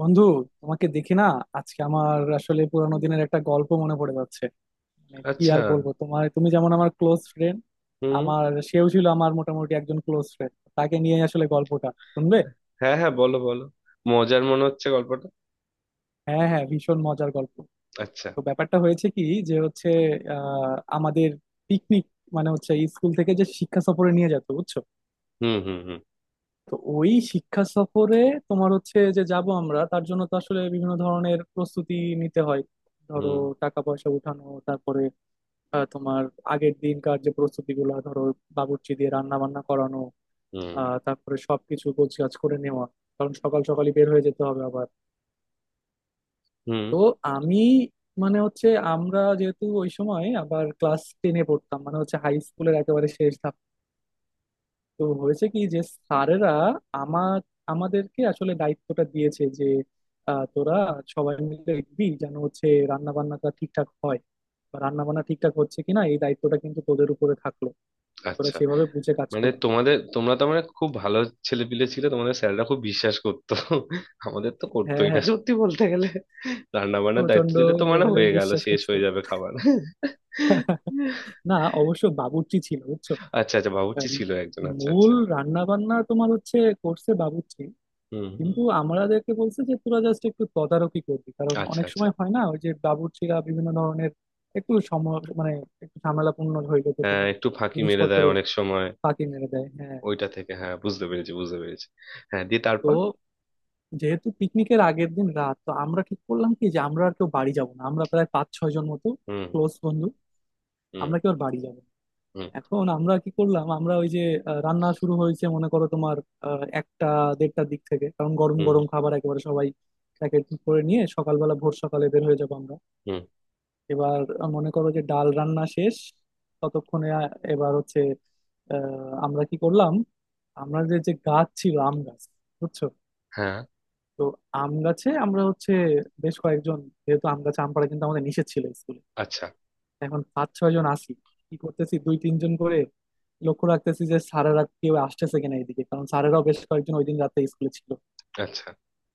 বন্ধু, তোমাকে দেখি না। আজকে আমার আসলে পুরানো দিনের একটা গল্প মনে পড়ে যাচ্ছে। মানে কি আচ্ছা। আর বলবো, তোমার তুমি যেমন আমার ক্লোজ ফ্রেন্ড, হুম। আমার সেও ছিল আমার মোটামুটি একজন ক্লোজ ফ্রেন্ড। তাকে নিয়ে আসলে গল্পটা। শুনবে? হ্যাঁ হ্যাঁ, বলো বলো। মজার মনে হচ্ছে গল্পটা। হ্যাঁ, হ্যাঁ, ভীষণ মজার গল্প। আচ্ছা। তো ব্যাপারটা হয়েছে কি, যে হচ্ছে আমাদের পিকনিক, মানে হচ্ছে স্কুল থেকে যে শিক্ষা সফরে নিয়ে যেত, বুঝছো। হুম হুম হুম। তো ওই শিক্ষা সফরে তোমার হচ্ছে যে যাব আমরা, তার জন্য তো আসলে বিভিন্ন ধরনের প্রস্তুতি নিতে হয়। ধরো, হুম টাকা পয়সা উঠানো, তারপরে তোমার আগের দিনকার যে প্রস্তুতি গুলো, ধরো বাবুর্চি দিয়ে রান্না বান্না করানো, হুম তারপরে সবকিছু গোছগাছ করে নেওয়া, কারণ সকাল সকালই বের হয়ে যেতে হবে আবার। হুম। তো আমি মানে হচ্ছে আমরা যেহেতু ওই সময় আবার ক্লাস 10-এ পড়তাম, মানে হচ্ছে হাই স্কুলের একেবারে শেষ ধাপ। তো হয়েছে কি যে স্যারেরা আমার আমাদেরকে আসলে দায়িত্বটা দিয়েছে যে তোরা সবাই মিলে দেখবি যেন হচ্ছে রান্না বান্নাটা ঠিকঠাক হয়, বা রান্না বান্না ঠিকঠাক হচ্ছে কিনা এই দায়িত্বটা কিন্তু তোদের উপরে থাকলো, তোরা আচ্ছা। সেভাবে বুঝে কাজ মানে করবি। তোমরা তো মানে খুব ভালো ছেলেপিলে ছিল, তোমাদের স্যাররা খুব বিশ্বাস করতো। আমাদের তো হ্যাঁ, করতোই না হ্যাঁ, সত্যি বলতে গেলে। রান্না বান্নার দায়িত্ব প্রচন্ড দিলে তো মানে লেভেলের হয়ে গেল, বিশ্বাস শেষ করছে। হয়ে যাবে খাবার। না, অবশ্য বাবুর্চি ছিল, বুঝছো। আচ্ছা আচ্ছা, বাবুর্চি আম, ছিল একজন, আচ্ছা মূল আচ্ছা। রান্না বান্না তোমার হচ্ছে করছে বাবুর্চি, হুম হুম। কিন্তু আমাদেরকে বলছে যে তোরা জাস্ট একটু তদারকি করবি, কারণ আচ্ছা অনেক আচ্ছা। সময় হয় না ওই যে বাবুর্চিরা বিভিন্ন ধরনের একটু সম মানে একটু ঝামেলাপূর্ণ হইলে তো হ্যাঁ, তোমার একটু ফাঁকি মেরে জিনিসপত্র দেয় অনেক সময়। ফাঁকি মেরে দেয়, হ্যাঁ। ওইটা থেকে হ্যাঁ, বুঝতে পেরেছি বুঝতে পেরেছি। হ্যাঁ, দিয়ে তারপর? তো যেহেতু পিকনিকের আগের দিন রাত, তো আমরা ঠিক করলাম কি যে আমরা আর কেউ বাড়ি যাব না, আমরা প্রায় পাঁচ ছয় জন মতো হুম ক্লোজ বন্ধু হুম আমরা কি ওর বাড়ি যাব। হুম। এখন আমরা কি করলাম, আমরা ওই যে রান্না শুরু হয়েছে মনে করো তোমার একটা 1:30টার দিক থেকে, কারণ গরম হুম গরম খাবার একেবারে সবাই প্যাকেট করে নিয়ে সকালবেলা ভোর সকালে বের হয়ে যাব আমরা। হুম। এবার মনে করো যে ডাল রান্না শেষ ততক্ষণে। আহ, এবার হচ্ছে আহ, আমরা কি করলাম, আমরা যে যে গাছ ছিল আম গাছ, বুঝছো। হ্যাঁ। তো আম গাছে আমরা হচ্ছে বেশ কয়েকজন, যেহেতু আম গাছে আম পাড়া কিন্তু আমাদের নিষেধ ছিল স্কুলে। আচ্ছা। এখন পাঁচ ছয় জন আছি, কি করতেছি দুই তিনজন করে লক্ষ্য রাখতেছি যে স্যারেরা কেউ আসতেছে কিনা এদিকে, কারণ স্যারেরাও বেশ কয়েকজন ওই দিন রাতে স্কুলে ছিল। আচ্ছা।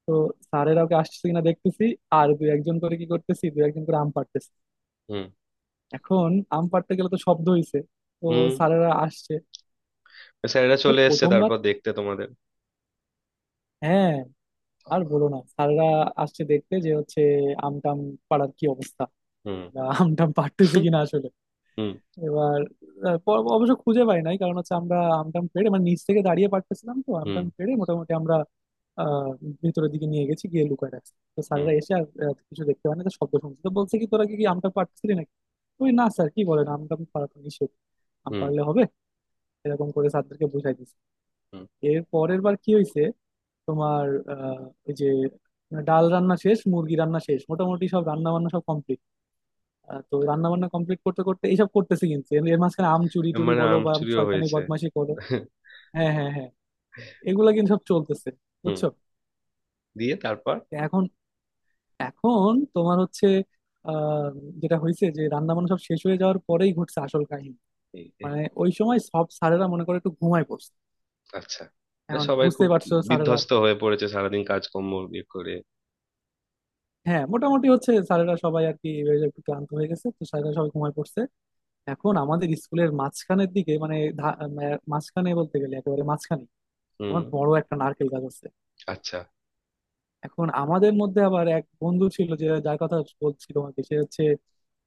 তো স্যারেরাও কে আসতেছে কিনা দেখতেছি, আর দুই একজন করে কি করতেছি দুই একজন করে আম পাড়তেছি। হুম এখন আম পাড়তে গেলে তো শব্দ হইছে, তো হুম। স্যারেরা আসছে। স্যারেরা ও চলে এসেছে প্রথমবার, তারপর দেখতে তোমাদের? হ্যাঁ, আর বলো না স্যারেরা আসছে দেখতে যে হচ্ছে আম টাম পাড়ার কি অবস্থা, হুম আম টাম পাড়তেছি হুম কিনা আসলে। হুম। এবার অবশ্য খুঁজে পাই নাই, কারণ হচ্ছে আমরা আমটাম পেড়ে মানে নিচ থেকে দাঁড়িয়ে পারতেছিলাম, তো হুম আমটাম পেড়ে মোটামুটি আমরা আহ ভিতরের দিকে নিয়ে গেছি, গিয়ে লুকায় রাখছি। তো স্যাররা হুম এসে আর কিছু দেখতে পায় না, তো শব্দ শুনছে তো বলছে কি তোরা কি কি আমটা পারতেছিলি নাকি। ওই না স্যার কি বলেন, আমটাম পারা তো নিষেধ, আম হুম পারলে হবে। এরকম করে স্যারদেরকে বুঝাই দিছি। হুম। এর পরের বার কি হয়েছে, তোমার আহ ওই যে মানে ডাল রান্না শেষ, মুরগি রান্না শেষ, মোটামুটি সব রান্না বান্না সব কমপ্লিট। তো রান্না বান্না কমপ্লিট করতে করতে এইসব করতেছি, কিন্তু এর এর মাঝখানে আম চুরি টুরি মানে বলো আম বা চুরিও শয়তানি হয়েছে? বদমাশি করো, হ্যাঁ, হ্যাঁ, হ্যাঁ, এগুলা কিন্তু সব চলতেছে, হুম। বুঝছো। দিয়ে তারপর? তো এখন এখন তোমার হচ্ছে আহ যেটা হয়েছে যে রান্না বান্না সব শেষ হয়ে যাওয়ার পরেই ঘটছে আসল কাহিনী। এই যে। মানে ওই সময় সব স্যারেরা মনে করে একটু ঘুমায় পড়ছে, আচ্ছা। এ, এখন সবাই বুঝতে খুব পারছো স্যারেরা। বিধ্বস্ত হয়ে পড়েছে, সারাদিন কাজকর্ম ইয়ে করে। হ্যাঁ, মোটামুটি হচ্ছে স্যারেরা সবাই আর কি এই একটু ক্লান্ত হয়ে গেছে, তো স্যারেরা সবাই ঘুমায় পড়ছে। এখন আমাদের স্কুলের মাঝখানের দিকে মানে মাঝখানে বলতে গেলে একেবারে মাঝখানে হুম। তোমার বড় একটা নারকেল গাছ আছে। আচ্ছা। এখন আমাদের মধ্যে আবার এক বন্ধু ছিল, যে যার কথা বলছি তোমাকে, সে হচ্ছে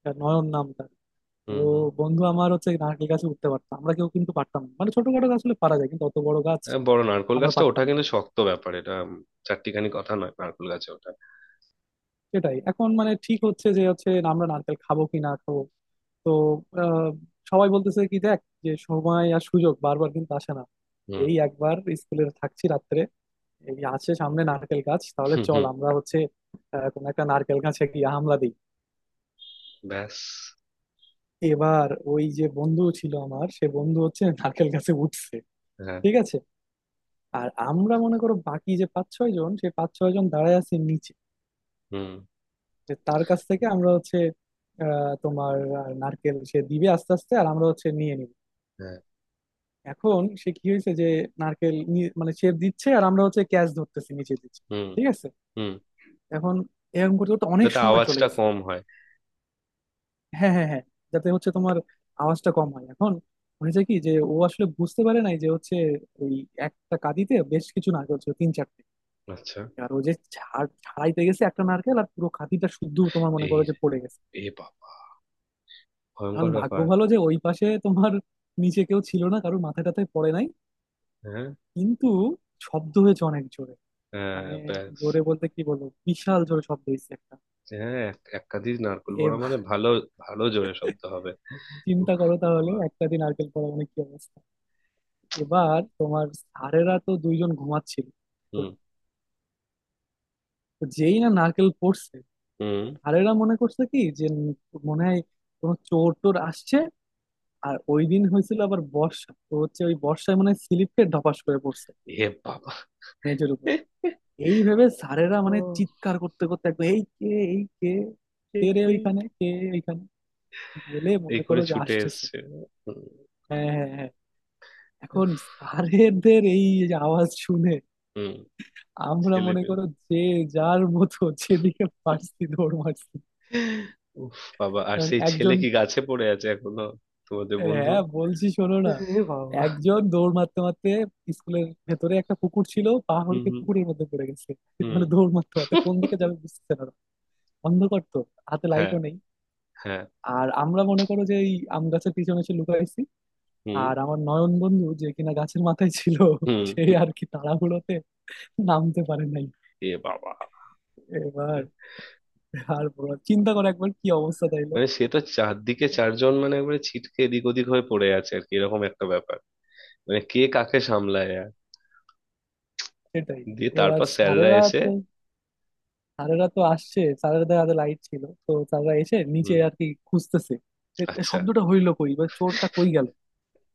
তার নয়ন নাম তার। ও হুম হুম। বন্ধু আমার হচ্ছে নারকেল গাছে উঠতে পারতাম, আমরা কেউ কিন্তু পারতাম না, মানে ছোটখাটো গাছ হলে পারা যায় কিন্তু অত বড় গাছ এ, বড় নারকোল আমরা গাছটা ওঠা পারতাম না। কিন্তু শক্ত ব্যাপার এটা। চারটিখানি কথা নয় নারকোল গাছে ওঠা। সেটাই, এখন মানে ঠিক হচ্ছে যে হচ্ছে আমরা নারকেল খাবো কি না খাবো। তো আহ, সবাই বলতেছে কি দেখ, যে সময় আর সুযোগ বারবার কিন্তু আসে না, হুম এই একবার স্কুলে থাকছি রাত্রে, এই আসে সামনে নারকেল গাছ, তাহলে হুম চল হুম। আমরা হচ্ছে কোনো একটা নারকেল গাছে গিয়ে হামলা দিই। ব্যাস। এবার ওই যে বন্ধু ছিল আমার, সে বন্ধু হচ্ছে নারকেল গাছে উঠছে, হ্যাঁ। ঠিক আছে। আর আমরা মনে করো বাকি যে পাঁচ ছয় জন, সেই পাঁচ ছয় জন দাঁড়ায় আছে নিচে, হুম। যে তার কাছ থেকে আমরা হচ্ছে নারকেল সে দিবে আস্তে আস্তে আর আমরা হচ্ছে নিয়ে নিব। হ্যাঁ। এখন সে কি হয়েছে যে নারকেল নি- মানে সে দিচ্ছে আর আমরা হচ্ছে ক্যাচ ধরতেছি নিচে দিচ্ছি, হুম ঠিক আছে। হুম। এখন এরকম করতে করতে অনেক যাতে সময় চলে আওয়াজটা গেছে। কম হয়। হ্যাঁ, হ্যাঁ, হ্যাঁ, যাতে হচ্ছে তোমার আওয়াজটা কম হয়। এখন হয়েছে কি যে ও আসলে বুঝতে পারে নাই যে হচ্ছে ওই একটা কাঁদিতে বেশ কিছু নারকেল ছিল তিন চারটে, আচ্ছা। আর ও যে ঝাড় ছাড়াইতে গেছে একটা নারকেল আর পুরো কাঁদিটা শুদ্ধ তোমার মনে এই, করো যে পড়ে গেছে। এ বাবা, এখন ভয়ঙ্কর ভাগ্য ব্যাপার। ভালো যে ওই পাশে তোমার নিচে কেউ ছিল না, কারোর মাথায় টাথায় পড়ে নাই, হ্যাঁ। কিন্তু শব্দ হয়েছে অনেক জোরে। হ্যাঁ মানে ব্যাস। জোরে বলতে কি বলবো, বিশাল জোরে শব্দ হয়েছে একটা। হ্যাঁ, এক একাধি নারকোল এ পড়া ভাই, মানে ভালো, ভালো জোরে শব্দ হবে। চিন্তা উফ করো তাহলে বাবা। একটা দিন নারকেল পড়া মানে কি অবস্থা। এবার তোমার স্যারেরা তো দুইজন ঘুমাচ্ছিল হুম ভিতরে। তো যেই না নারকেল পড়ছে, হুম। স্যারেরা মনে করছে কি যে উম মনে হয় কোনো চোর টোর আসছে, আর ওই দিন হয়েছিল আবার বর্ষা, তো হচ্ছে ওই বর্ষায় মানে স্লিপ খেয়ে ধপাস করে পড়ছে এ বাবা। মেঝের উপরে। এই ভেবে স্যারেরা মানে ও, চিৎকার করতে করতে একদম এই কে, এই কে, কে এই রে এই ওইখানে, কে ওইখানে, বলে এই মনে করে করো যে ছুটে আসতেছে। এসছে। হুম, হ্যাঁ, হ্যাঁ, হ্যাঁ, এখন স্যারেদের এই যে আওয়াজ শুনে হুম, আমরা ছেলে মনে পেলে। করো যে যার মতো যেদিকে পারছি দৌড় মারছি। উফ বাবা, আর কারণ সেই ছেলে একজন কি গাছে পড়ে আছে এখনো? তোমাদের বন্ধু? হ্যাঁ বলছি শোনো না, এ বাবা। একজন দৌড় মারতে মারতে স্কুলের ভেতরে একটা পুকুর ছিল, হুম পাহাড়কে হুম। পুকুরের মধ্যে পড়ে গেছে। হুম। মানে দৌড় মারতে মারতে কোন দিকে যাবে বুঝতেছে না, অন্ধকার তো, হাতে হ্যাঁ। লাইটও নেই। হ্যাঁ। আর আমরা মনে করো যে এই আম গাছের পিছনে এসে লুকাইছি, হুম আর আমার নয়ন বন্ধু যে কিনা গাছের মাথায় ছিল হুম। সে হুম, আর কি তাড়াহুড়োতে নামতে পারে নাই। এ বাবা, এবার আর বলো, চিন্তা করো একবার কি অবস্থা তাইলে। মানে সে তো চারদিকে চারজন মানে একবারে ছিটকে এদিক ওদিক হয়ে পড়ে আছে আর কি, এরকম একটা ব্যাপার। মানে কে কাকে সামলায় আর! সেটাই। দিয়ে এবার তারপর স্যাররা স্যারেরা এসে? তো স্যারেরা তো আসছে, স্যারেদের হাতে লাইট ছিল, তো স্যাররা এসে নিচে হুম। আর কি খুঁজতেছে যে এ আচ্ছা। শব্দটা হইলো কই, বা চোরটা কই গেল,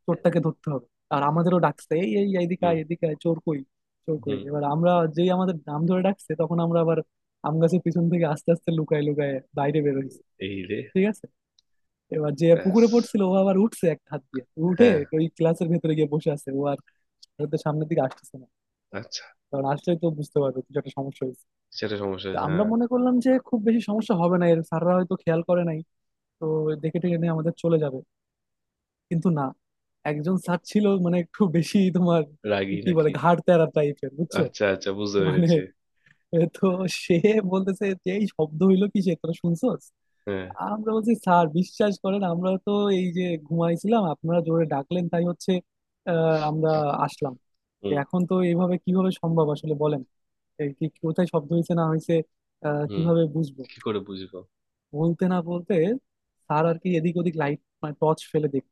চোরটাকে ধরতে হবে। আর আমাদেরও ডাকছে, এই এই এইদিকে হুম আয়, এদিকে আয়, চোর কই, চোর কই। হুম। এবার আমরা যেই আমাদের নাম ধরে ডাকছে, তখন আমরা আবার আম গাছের পিছন থেকে আস্তে আস্তে লুকায় লুকায় বাইরে বেরোইছি, এই রে। ঠিক আছে। এবার যে ব্যাস। পুকুরে পড়ছিল ও আবার উঠছে, এক হাত দিয়ে উঠে হ্যাঁ। ওই ক্লাসের ভেতরে গিয়ে বসে আছে ও, আর স্যারদের সামনের দিকে আসতেছে না, আচ্ছা, কারণ আসলে তো বুঝতে পারবে কিছু একটা সমস্যা। সেটা সমস্যা তো হয়েছে, আমরা হ্যাঁ। মনে করলাম যে খুব বেশি সমস্যা হবে না এর, স্যাররা হয়তো খেয়াল করে নাই, তো দেখে টেকে নিয়ে আমাদের চলে যাবে। কিন্তু না, একজন স্যার ছিল মানে একটু বেশি তোমার রাগী কি বলে, নাকি? ঘাড় তেরা টাইপের, বুঝছো। আচ্ছা আচ্ছা, বুঝতে মানে পেরেছি। এ তো সে বলতেছে যে এই শব্দ হইলো কি সে, তোরা শুনছোস। হ্যাঁ। আমরা বলছি স্যার বিশ্বাস করেন, আমরা তো এই যে ঘুমাইছিলাম, আপনারা জোরে ডাকলেন তাই হচ্ছে আমরা আসলাম। তো হুম। এখন তো এইভাবে কিভাবে সম্ভব আসলে বলেন, এই কি কোথায় শব্দ হয়েছে না হয়েছে হুম, কিভাবে বুঝবো। কি করে বুঝবো। বলতে না বলতে স্যার আর কি এদিক ওদিক লাইট মানে টর্চ ফেলে দেখ।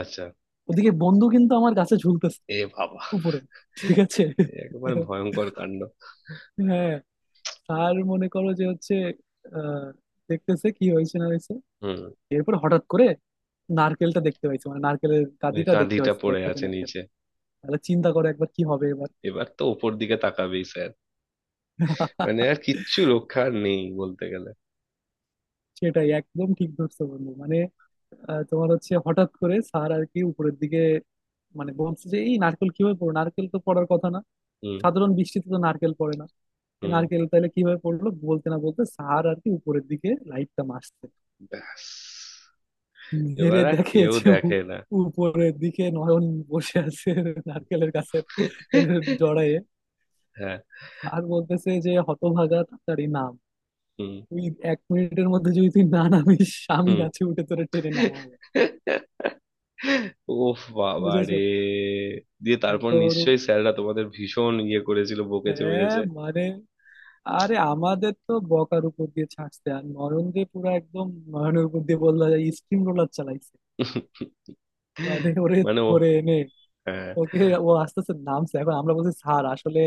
আচ্ছা। ওদিকে বন্ধু কিন্তু আমার গাছে ঝুলতেছে এ বাবা। উপরে, ঠিক আছে। এ একেবারে ভয়ঙ্কর কাণ্ড। হ্যাঁ, স্যার মনে করো যে হচ্ছে আহ দেখতেছে কি হয়েছে না হয়েছে। হুম। এরপর হঠাৎ করে নারকেলটা দেখতে পাইছে, মানে নারকেলের ওই গাদিটা দেখতে কাঁধিটা পাইছে পড়ে একটাতে আছে নারকেল। নিচে। তাহলে চিন্তা করে একবার কি হবে এবার। এবার তো ওপর দিকে তাকাবেই স্যার, মানে আর কিচ্ছু রক্ষা আর নেই বলতে গেলে। সেটাই একদম ঠিক ধরছো বন্ধু, মানে তোমার হচ্ছে হঠাৎ করে স্যার আর কি উপরের দিকে মানে বলছে যে এই নারকেল কিভাবে পড়ো, নারকেল তো পড়ার কথা না, হুম। সাধারণ বৃষ্টিতে তো নারকেল পড়ে না, এই হুম। নারকেল তাহলে কিভাবে পড়লো। বলতে না বলতে স্যার আর কি উপরের দিকে লাইটটা মারছে, ব্যাস। মেরে এবার আর দেখে কেউ যে দেখে না। উপরের দিকে নয়ন বসে আছে নারকেলের কাছে জড়ায়ে। হ্যাঁ। আর বলতেছে যে হতভাগা তাড়াতাড়ি নাম হুম। তুই, 1 মিনিটের মধ্যে যদি তুই না নামিস, আমি হুম। গাছে উঠে তোরে টেনে নামাবো, ওফ বাবা রে। বুঝেছো। দিয়ে তারপর এখন নিশ্চয়ই স্যাররা তোমাদের ভীষণ ইয়ে করেছিল, বকেছে হ্যাঁ মেরেছে? মানে আরে আমাদের তো বকার উপর দিয়ে ছাড়ছে, আর নয়ন যে পুরো একদম, নয়নের উপর দিয়ে বললো স্টিম রোলার চালাইছে। মানে ওরে মানে ও, ধরে এনে হ্যাঁ ওকে, ও আস্তে আস্তে নামছে। এখন আমরা বলছি স্যার আসলে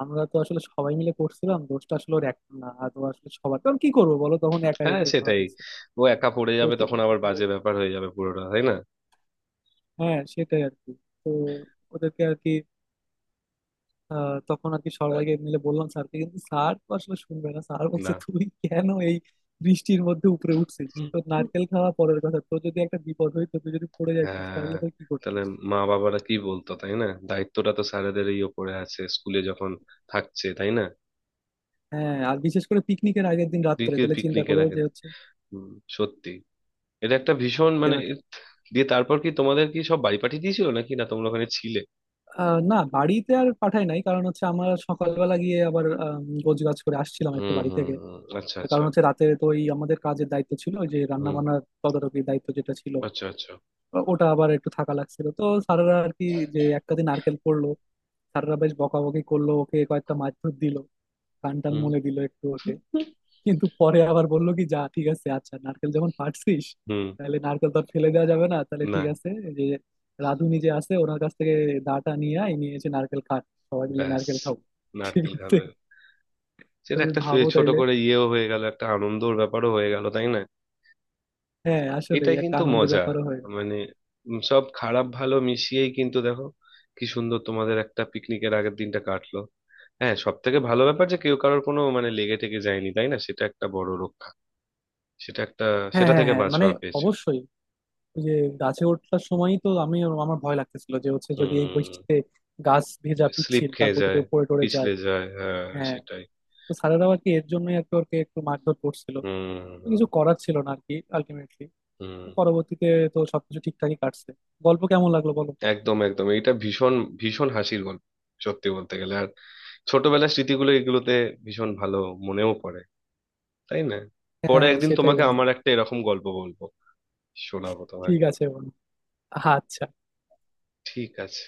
আমরা তো আসলে সবাই মিলে করছিলাম, দোষটা আসলে ওর এক না, আর ও আসলে সবার কারণ কি করবো বলো তখন একাই হ্যাঁ ধরা সেটাই। গেছে। ও একা পড়ে তো যাবে তো তখন, আবার তো- বাজে ব্যাপার হয়ে যাবে পুরোটা, তাই না? হ্যাঁ সেটাই আর কি। তো ওদেরকে আর কি তখন আর কি সবাইকে মিলে বললাম স্যারকে, কিন্তু স্যার তো আসলে শুনবে না, স্যার বলছে তুই কেন এই বৃষ্টির মধ্যে উপরে উঠছিস, তো না। নারকেল খাওয়া পরের কথা তোর যদি একটা বিপদ হইতো, তুই যদি পড়ে যাইতিস হ্যাঁ। তাহলে তুই কি তাহলে করতিস। মা বাবারা কি বলতো, তাই না? দায়িত্বটা তো স্যারেদেরই ওপরে আছে স্কুলে যখন থাকছে, তাই না? হ্যাঁ, আর বিশেষ করে পিকনিকের আগের দিন রাত্রে দিকে তাহলে চিন্তা পিকনিকের করো আগে। যে হচ্ছে। হুম, সত্যি। এটা একটা ভীষণ মানে এবার দিয়ে তারপর কি তোমাদের কি সব বাড়ি পাঠিয়ে দিয়েছিল নাকি, না তোমরা ওখানে ছিলে? না বাড়িতে আর পাঠাই নাই, কারণ হচ্ছে আমরা সকালবেলা গিয়ে আবার গোছ গাছ করে আসছিলাম একটু হুম বাড়ি হুম থেকে, হুম, আচ্ছা কারণ আচ্ছা। হচ্ছে রাতে তো ওই আমাদের কাজের দায়িত্ব ছিল ওই যে রান্না হুম। বান্নার তদারকির দায়িত্ব যেটা ছিল, আচ্ছা আচ্ছা। ওটা আবার একটু থাকা লাগছিল। তো স্যারেরা আর কি যে এক কাঁধে নারকেল পড়লো, স্যারেরা বেশ বকাবকি করলো, ওকে কয়েকটা মারধর দিল, কান টান হুম মলে দিল একটু ওকে, কিন্তু পরে আবার বললো কি যা ঠিক আছে, আচ্ছা নারকেল যখন পাড়ছিস হুম। তাহলে নারকেল তো আর ফেলে দেওয়া যাবে না, তাহলে না। ঠিক আছে এই যে রাধুনি যে আছে ওনার কাছ থেকে দাটা নিয়ে আয়, নিয়ে এসে নারকেল কাট, সবাই মিলে ব্যাস, নারকেল খাও। ঠিক নারকেল আছে। খাবে। সেটা তুমি একটা ভাবো ছোট তাইলে, করে ইয়েও হয়ে গেল, একটা আনন্দর ব্যাপারও হয়ে গেল তাই না? হ্যাঁ আসলে এটাই একটা কিন্তু আনন্দের মজা, ব্যাপারও হয়ে গেল। মানে, সব খারাপ ভালো মিশিয়েই কিন্তু দেখো কি সুন্দর তোমাদের একটা পিকনিকের আগের দিনটা কাটলো। হ্যাঁ, সব থেকে ভালো ব্যাপার যে কেউ কারোর কোনো মানে লেগে টেগে যায়নি, তাই না? সেটা একটা বড় রক্ষা। সেটা একটা, হ্যাঁ, সেটা হ্যাঁ, থেকে হ্যাঁ মানে বাঁচোয়া পেয়েছো। অবশ্যই। ওই যে গাছে ওঠার সময়ই তো আমি, আমার ভয় লাগতেছিল যে হচ্ছে যদি এই হুম। বৃষ্টিতে গাছ ভেজা স্লিপ পিচ্ছিল, খেয়ে তারপর যদি যায়, কেউ পড়ে টরে যায়, পিছলে যায়, হ্যাঁ হ্যাঁ। সেটাই। তো স্যারেরাও আর কি এর জন্যই আর কি ওকে একটু মারধর করছিল। হুম তো কিছু হুম করার ছিল না আর কি আলটিমেটলি, হুম। পরবর্তীতে তো সবকিছু ঠিকঠাকই কাটছে। গল্প কেমন লাগলো বলো। একদম একদম, এটা ভীষণ ভীষণ হাসির গল্প সত্যি বলতে গেলে। আর ছোটবেলার স্মৃতিগুলো এগুলোতে ভীষণ ভালো মনেও পড়ে, তাই না? হ্যাঁ, পরে হ্যাঁ, একদিন সেটাই তোমাকে বন্ধু। আমার একটা এরকম গল্প বলবো, শোনাবো তোমায়। ঠিক আছে বন্ধু, আচ্ছা। ঠিক আছে।